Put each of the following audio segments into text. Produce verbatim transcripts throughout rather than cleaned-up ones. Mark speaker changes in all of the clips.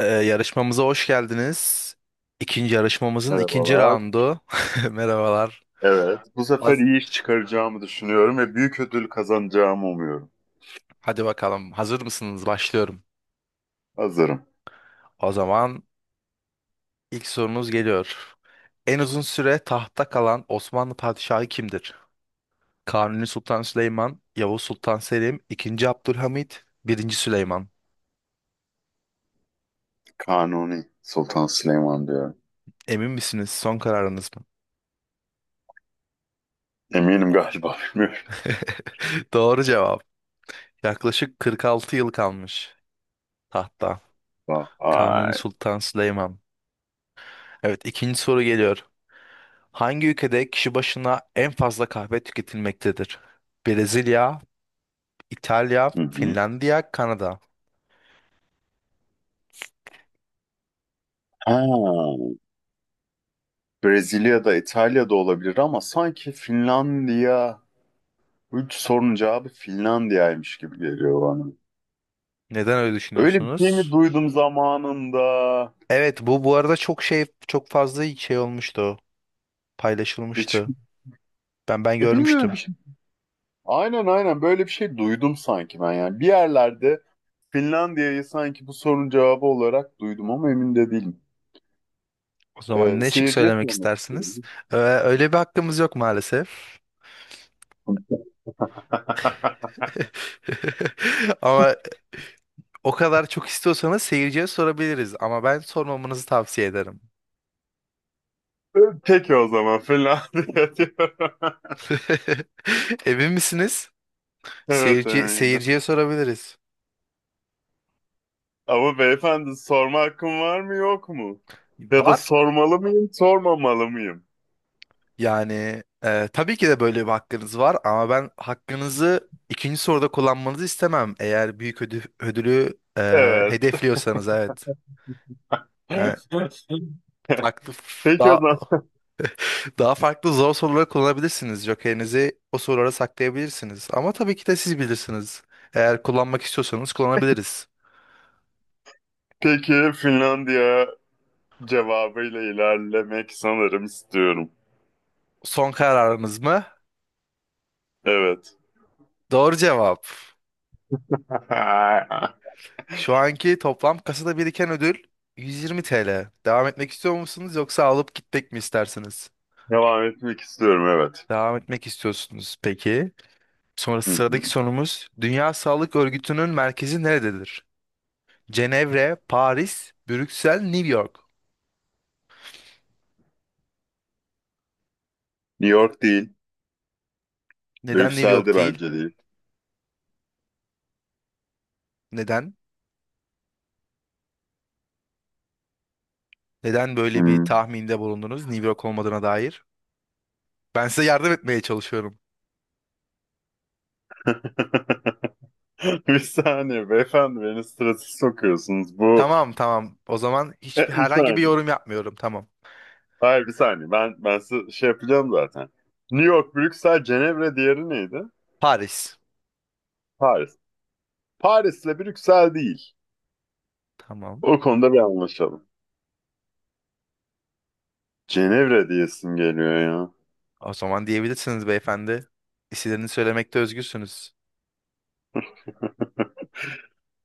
Speaker 1: Ee, yarışmamıza hoş geldiniz. İkinci yarışmamızın ikinci
Speaker 2: Merhabalar.
Speaker 1: raundu. Merhabalar.
Speaker 2: Evet, bu sefer
Speaker 1: Haz-
Speaker 2: iyi iş çıkaracağımı düşünüyorum ve büyük ödül kazanacağımı umuyorum.
Speaker 1: Hadi bakalım. Hazır mısınız? Başlıyorum.
Speaker 2: Hazırım.
Speaker 1: O zaman ilk sorunuz geliyor. En uzun süre tahtta kalan Osmanlı padişahı kimdir? Kanuni Sultan Süleyman, Yavuz Sultan Selim, ikinci. Abdülhamit, I. Süleyman.
Speaker 2: Kanuni Sultan Süleyman diyorum.
Speaker 1: Emin misiniz? Son kararınız mı?
Speaker 2: Eminim galiba, bilmiyorum.
Speaker 1: Doğru cevap. Yaklaşık kırk altı yıl kalmış tahtta. Kanuni
Speaker 2: Vay.
Speaker 1: Sultan Süleyman. Evet, ikinci soru geliyor. Hangi ülkede kişi başına en fazla kahve tüketilmektedir? Brezilya, İtalya,
Speaker 2: Hı hı.
Speaker 1: Finlandiya, Kanada.
Speaker 2: Ha, Brezilya'da, İtalya'da olabilir ama sanki Finlandiya, bu üç sorunun cevabı Finlandiya'ymış gibi geliyor bana.
Speaker 1: Neden öyle
Speaker 2: Öyle bir şey mi
Speaker 1: düşünüyorsunuz?
Speaker 2: duydum zamanında?
Speaker 1: Evet, bu bu arada çok şey çok fazla şey olmuştu.
Speaker 2: Hiç,
Speaker 1: Paylaşılmıştı. Ben ben
Speaker 2: e, bilmiyorum.
Speaker 1: görmüştüm.
Speaker 2: Aynen aynen böyle bir şey duydum sanki ben, yani. Bir yerlerde Finlandiya'yı sanki bu sorunun cevabı olarak duydum ama emin de değilim.
Speaker 1: O zaman
Speaker 2: Ee,
Speaker 1: ne şık
Speaker 2: seyirciye
Speaker 1: söylemek
Speaker 2: sormak istiyorum.
Speaker 1: istersiniz? Ee, öyle bir hakkımız yok maalesef. Ama o kadar çok istiyorsanız seyirciye sorabiliriz. Ama ben sormamanızı tavsiye ederim.
Speaker 2: Peki o zaman Finlandiya diyorum.
Speaker 1: Emin misiniz?
Speaker 2: Evet,
Speaker 1: Seyirci,
Speaker 2: eminim.
Speaker 1: seyirciye sorabiliriz.
Speaker 2: Ama beyefendi, sorma hakkım var mı yok mu? Ya da
Speaker 1: Var.
Speaker 2: sormalı mıyım, sormamalı mıyım?
Speaker 1: Yani e, tabii ki de böyle bir hakkınız var ama ben hakkınızı ikinci soruda kullanmanızı istemem. Eğer büyük ödü- ödülü e,
Speaker 2: Evet.
Speaker 1: hedefliyorsanız, evet. Yani farklı
Speaker 2: Peki o
Speaker 1: daha
Speaker 2: zaman.
Speaker 1: daha farklı zor soruları kullanabilirsiniz. Jokerinizi o sorulara saklayabilirsiniz. Ama tabii ki de siz bilirsiniz. Eğer kullanmak istiyorsanız kullanabiliriz.
Speaker 2: Peki Finlandiya cevabıyla ilerlemek sanırım istiyorum.
Speaker 1: Son kararınız mı?
Speaker 2: Evet.
Speaker 1: Doğru cevap. Şu anki toplam kasada biriken ödül yüz yirmi T L. Devam etmek istiyor musunuz yoksa alıp gitmek mi istersiniz?
Speaker 2: Devam etmek istiyorum, evet.
Speaker 1: Devam etmek istiyorsunuz, peki. Sonra
Speaker 2: Hı
Speaker 1: sıradaki
Speaker 2: hı.
Speaker 1: sorumuz, Dünya Sağlık Örgütü'nün merkezi nerededir? Cenevre, Paris, Brüksel, New York.
Speaker 2: New York değil.
Speaker 1: Neden New
Speaker 2: Brüksel'de
Speaker 1: York değil?
Speaker 2: bence değil.
Speaker 1: Neden? Neden böyle bir
Speaker 2: Hı.
Speaker 1: tahminde bulundunuz, New York olmadığına dair? Ben size yardım etmeye çalışıyorum.
Speaker 2: Bir saniye beyefendi, beni strese sokuyorsunuz. Bu
Speaker 1: Tamam tamam. O zaman hiçbir
Speaker 2: bir
Speaker 1: herhangi bir
Speaker 2: saniye.
Speaker 1: yorum yapmıyorum. Tamam.
Speaker 2: Hayır, bir saniye. Ben ben size şey yapacağım zaten. New York, Brüksel, Cenevre, diğeri neydi?
Speaker 1: Paris.
Speaker 2: Paris. Paris'le Brüksel değil.
Speaker 1: Tamam.
Speaker 2: O konuda bir anlaşalım. Cenevre diyesim geliyor ya.
Speaker 1: O zaman diyebilirsiniz beyefendi. İsimlerini söylemekte özgürsünüz.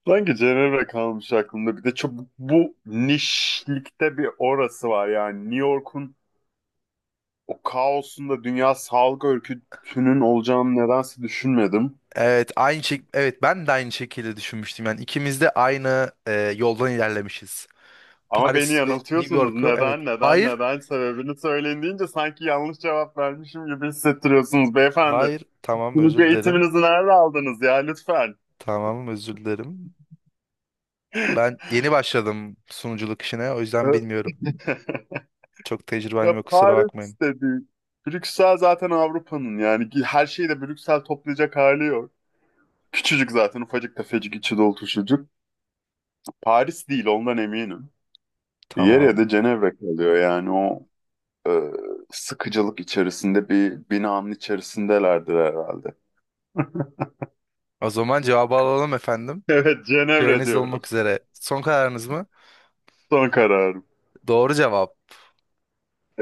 Speaker 2: Sanki Cenevre kalmış aklımda. Bir de çok bu nişlikte bir orası var yani. New York'un, o kaosun da Dünya Sağlık Örgütü'nün olacağını nedense düşünmedim.
Speaker 1: Evet, aynı şey. Evet, ben de aynı şekilde düşünmüştüm. Yani ikimiz de aynı e, yoldan ilerlemişiz.
Speaker 2: Ama beni
Speaker 1: Paris ve New
Speaker 2: yanıltıyorsunuz.
Speaker 1: York'u. Evet.
Speaker 2: Neden, neden,
Speaker 1: Hayır.
Speaker 2: neden sebebini söyleyin deyince sanki yanlış cevap vermişim gibi hissettiriyorsunuz beyefendi.
Speaker 1: Hayır. Tamam,
Speaker 2: Sunucu
Speaker 1: özür dilerim.
Speaker 2: eğitiminizi nerede aldınız ya, lütfen?
Speaker 1: Tamam, özür dilerim. Ben yeni başladım sunuculuk işine. O yüzden bilmiyorum. Çok
Speaker 2: Ya
Speaker 1: tecrübem yok. Kusura
Speaker 2: Paris
Speaker 1: bakmayın.
Speaker 2: dedi. Brüksel zaten Avrupa'nın, yani her şeyi de Brüksel toplayacak hali yok. Küçücük zaten, ufacık tefecik içi dolu çocuk. Paris değil, ondan eminim. Yer ya
Speaker 1: Tamam.
Speaker 2: da Cenevre kalıyor yani, o e, sıkıcılık içerisinde bir binanın içerisindelerdir herhalde.
Speaker 1: O zaman cevabı alalım efendim.
Speaker 2: Evet, Cenevre
Speaker 1: Süreniz
Speaker 2: diyorum.
Speaker 1: dolmak üzere. Son kararınız mı?
Speaker 2: Son kararım.
Speaker 1: Doğru cevap.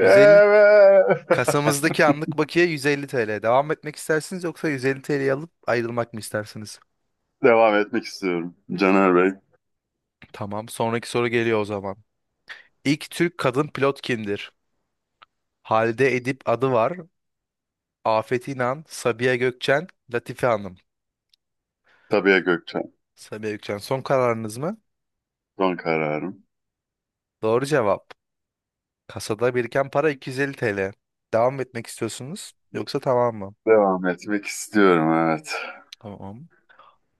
Speaker 1: yüz elli Kasamızdaki anlık bakiye yüz elli T L. Devam etmek istersiniz yoksa yüz elli T L'yi alıp ayrılmak mı istersiniz?
Speaker 2: Devam etmek istiyorum. Caner Bey,
Speaker 1: Tamam. Sonraki soru geliyor o zaman. İlk Türk kadın pilot kimdir? Halide Edip adı var. Afet İnan, Sabiha Gökçen, Latife Hanım.
Speaker 2: Sabiha Gökçen.
Speaker 1: Sabiha Gökçen, son kararınız mı?
Speaker 2: Son kararım.
Speaker 1: Doğru cevap. Kasada biriken para iki yüz elli T L. Devam etmek istiyorsunuz yoksa tamam mı?
Speaker 2: Devam etmek istiyorum, evet.
Speaker 1: Tamam.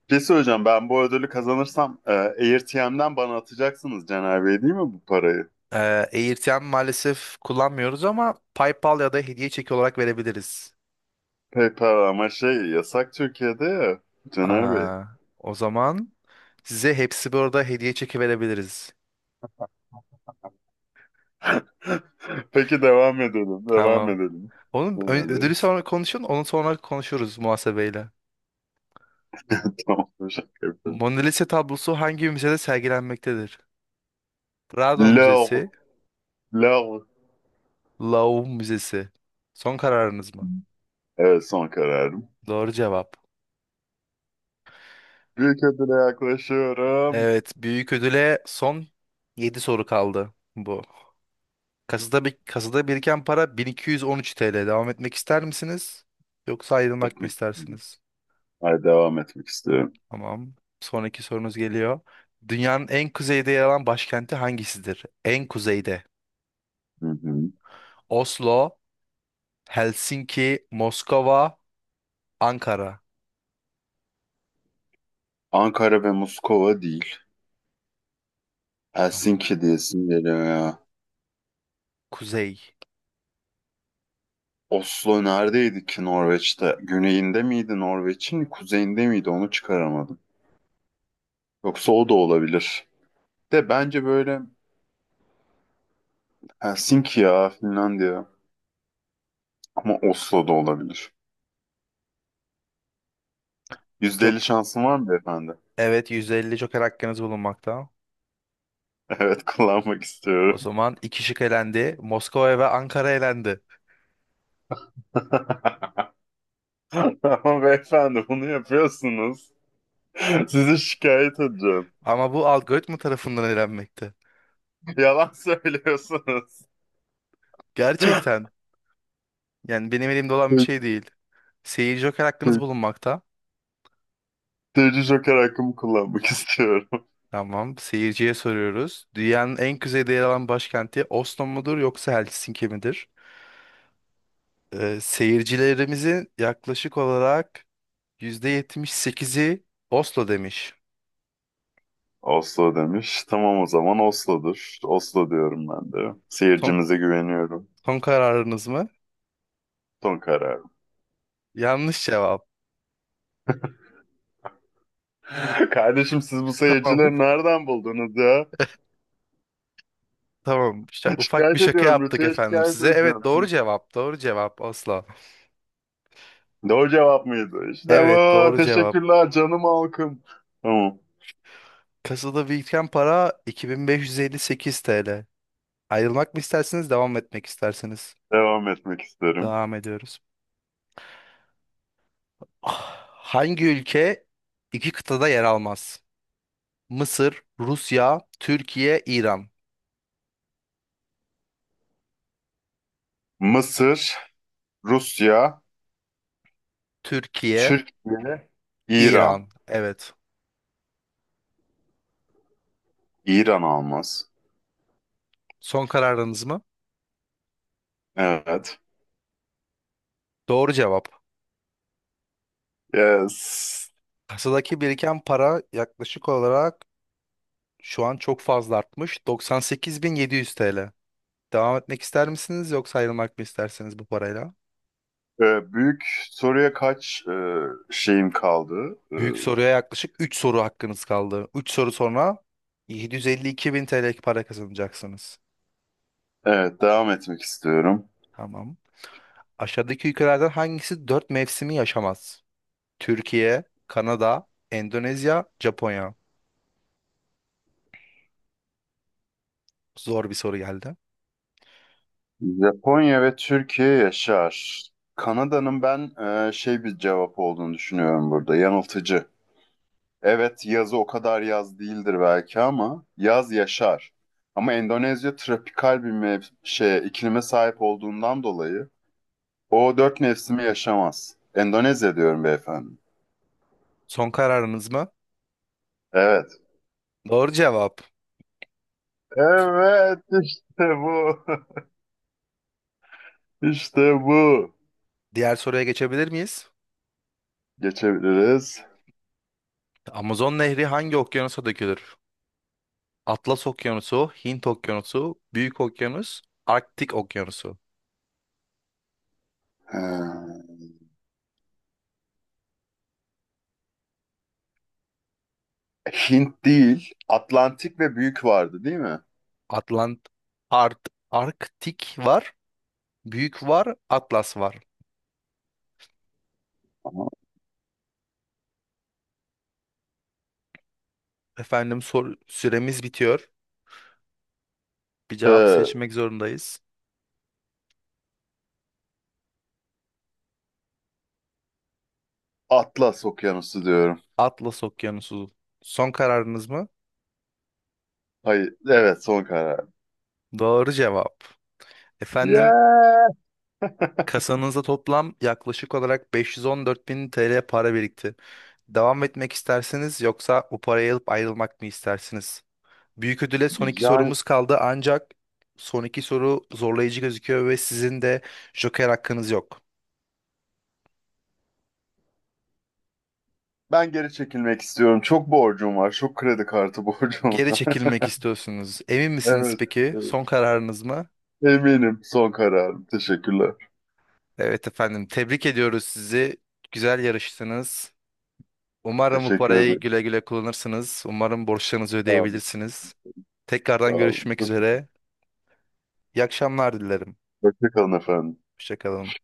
Speaker 2: Bir şey söyleyeceğim, ben bu ödülü kazanırsam e, AirTM'den bana atacaksınız Caner Bey, değil mi, bu parayı?
Speaker 1: Ee, AirTM maalesef kullanmıyoruz ama PayPal ya da hediye çeki olarak verebiliriz.
Speaker 2: PayPal ama şey yasak Türkiye'de ya, Caner Bey.
Speaker 1: Aa, O zaman size hepsi burada hediye çeki verebiliriz.
Speaker 2: Peki, devam edelim, devam
Speaker 1: Tamam.
Speaker 2: edelim.
Speaker 1: Onun ö-
Speaker 2: Caner Bey.
Speaker 1: ödülü sonra konuşun, onu sonra konuşuruz muhasebeyle.
Speaker 2: Tamam, bir şaka yapıyorum.
Speaker 1: Mona Lisa tablosu hangi müzede sergilenmektedir? Prado Müzesi,
Speaker 2: Lor, lor.
Speaker 1: Louvre Müzesi. Son kararınız mı?
Speaker 2: Evet, son kararım.
Speaker 1: Doğru cevap.
Speaker 2: Büyük ödüle yaklaşıyorum.
Speaker 1: Evet, büyük ödüle son yedi soru kaldı bu. Kasada, bir, kasada biriken para bin iki yüz on üç T L. Devam etmek ister misiniz? Yoksa ayrılmak mı
Speaker 2: Etmek. İstiyorum.
Speaker 1: istersiniz?
Speaker 2: Hayır, devam etmek istiyorum.
Speaker 1: Tamam. Sonraki sorunuz geliyor. Dünyanın en kuzeyde yer alan başkenti hangisidir? En kuzeyde.
Speaker 2: Hı hı.
Speaker 1: Oslo, Helsinki, Moskova, Ankara.
Speaker 2: Ankara ve Moskova değil.
Speaker 1: Tamam.
Speaker 2: Helsinki diyesim geliyor ya.
Speaker 1: Kuzey.
Speaker 2: Oslo neredeydi ki, Norveç'te? Güneyinde miydi Norveç'in, kuzeyinde miydi? Onu çıkaramadım. Yoksa o da olabilir. De bence böyle Helsinki ya, Finlandiya. Ama Oslo da olabilir.
Speaker 1: Çok
Speaker 2: yüzde elli şansın var mı beyefendi?
Speaker 1: evet, yüz elli joker hakkınız bulunmakta.
Speaker 2: Evet, kullanmak
Speaker 1: O
Speaker 2: istiyorum.
Speaker 1: zaman iki şık elendi. Moskova ve Ankara elendi.
Speaker 2: Ama beyefendi, bunu yapıyorsunuz. Sizi şikayet edeceğim.
Speaker 1: Ama bu algoritma tarafından elenmekte.
Speaker 2: Yalan söylüyorsunuz.
Speaker 1: Gerçekten. Yani benim elimde olan bir şey değil. Seyir joker hakkınız bulunmakta.
Speaker 2: Tecrü Joker hakkımı kullanmak istiyorum.
Speaker 1: Tamam. Seyirciye soruyoruz. Dünyanın en kuzeyde yer alan başkenti Oslo mudur yoksa Helsinki midir? Ee, seyircilerimizin yaklaşık olarak yüzde yetmiş sekizi Oslo demiş.
Speaker 2: Oslo demiş. Tamam, o zaman Oslo'dur. Oslo diyorum ben de.
Speaker 1: Son,
Speaker 2: Seyircimize güveniyorum.
Speaker 1: Son kararınız mı?
Speaker 2: Son kararım.
Speaker 1: Yanlış cevap.
Speaker 2: Kardeşim, siz bu
Speaker 1: Tamam.
Speaker 2: seyircileri nereden buldunuz ya?
Speaker 1: Tamam. Şa- ufak bir
Speaker 2: Şikayet
Speaker 1: şaka
Speaker 2: ediyorum.
Speaker 1: yaptık
Speaker 2: Rütü'ye
Speaker 1: efendim
Speaker 2: şikayet
Speaker 1: size.
Speaker 2: edeceğim,
Speaker 1: Evet, doğru
Speaker 2: sizi.
Speaker 1: cevap. Doğru cevap Oslo.
Speaker 2: Doğru cevap mıydı? İşte
Speaker 1: Evet,
Speaker 2: bu.
Speaker 1: doğru cevap.
Speaker 2: Teşekkürler canım halkım. Tamam.
Speaker 1: Kasada biriken para iki bin beş yüz elli sekiz T L. Ayrılmak mı istersiniz, devam etmek istersiniz?
Speaker 2: Devam etmek isterim.
Speaker 1: Devam ediyoruz. Ah, hangi ülke iki kıtada yer almaz? Mısır, Rusya, Türkiye, İran.
Speaker 2: Mısır, Rusya,
Speaker 1: Türkiye,
Speaker 2: Türkiye, İran.
Speaker 1: İran. Evet.
Speaker 2: İran almaz.
Speaker 1: Son kararınız mı?
Speaker 2: Evet.
Speaker 1: Doğru cevap.
Speaker 2: Yes.
Speaker 1: Kasadaki biriken para yaklaşık olarak şu an çok fazla artmış. doksan sekiz bin yedi yüz T L. Devam etmek ister misiniz yoksa ayrılmak mı istersiniz bu parayla?
Speaker 2: Ee, büyük soruya kaç e, şeyim kaldı? Ee,
Speaker 1: Büyük soruya yaklaşık üç soru hakkınız kaldı. Üç soru sonra yedi yüz elli iki bin T L para kazanacaksınız.
Speaker 2: evet, devam etmek istiyorum.
Speaker 1: Tamam. Aşağıdaki ülkelerden hangisi dört mevsimi yaşamaz? Türkiye, Kanada, Endonezya, Japonya. Zor bir soru geldi.
Speaker 2: Japonya ve Türkiye yaşar. Kanada'nın ben e, şey bir cevap olduğunu düşünüyorum burada. Yanıltıcı. Evet, yazı o kadar yaz değildir belki ama yaz yaşar. Ama Endonezya tropikal bir mev- şeye, iklime sahip olduğundan dolayı o dört mevsimi yaşamaz. Endonezya diyorum beyefendi.
Speaker 1: Son kararınız mı?
Speaker 2: Evet.
Speaker 1: Doğru cevap.
Speaker 2: Evet, işte bu. İşte bu.
Speaker 1: Diğer soruya geçebilir miyiz?
Speaker 2: Geçebiliriz.
Speaker 1: Amazon Nehri hangi okyanusa dökülür? Atlas Okyanusu, Hint Okyanusu, Büyük Okyanus, Arktik Okyanusu.
Speaker 2: Ee, Hint değil, Atlantik ve büyük vardı, değil mi?
Speaker 1: Atlant, Art, Arktik var, Büyük var, Atlas var.
Speaker 2: Ama,
Speaker 1: Efendim sor, süremiz bitiyor. Bir cevap
Speaker 2: ee,
Speaker 1: seçmek zorundayız.
Speaker 2: Atlas Okyanusu diyorum.
Speaker 1: Atlas Okyanusu. Son kararınız mı?
Speaker 2: Hayır, evet, son karar.
Speaker 1: Doğru cevap. Efendim,
Speaker 2: Yeah!
Speaker 1: kasanızda toplam yaklaşık olarak beş yüz on dört bin T L para birikti. Devam etmek istersiniz yoksa bu parayı alıp ayrılmak mı istersiniz? Büyük ödüle son iki
Speaker 2: Yani
Speaker 1: sorumuz kaldı ancak son iki soru zorlayıcı gözüküyor ve sizin de joker hakkınız yok.
Speaker 2: ben geri çekilmek istiyorum. Çok borcum var. Çok kredi kartı borcum
Speaker 1: Geri
Speaker 2: var.
Speaker 1: çekilmek istiyorsunuz. Emin misiniz
Speaker 2: Evet,
Speaker 1: peki?
Speaker 2: evet.
Speaker 1: Son kararınız mı?
Speaker 2: Eminim, son kararım. Teşekkürler.
Speaker 1: Evet efendim, tebrik ediyoruz sizi. Güzel yarıştınız. Umarım bu
Speaker 2: Teşekkür
Speaker 1: parayı
Speaker 2: ederim.
Speaker 1: güle güle kullanırsınız. Umarım borçlarınızı
Speaker 2: Sağ olun.
Speaker 1: ödeyebilirsiniz.
Speaker 2: Sağ
Speaker 1: Tekrardan
Speaker 2: olun.
Speaker 1: görüşmek
Speaker 2: Çok
Speaker 1: üzere. İyi akşamlar dilerim.
Speaker 2: hoşça kalın efendim.
Speaker 1: Hoşça kalın.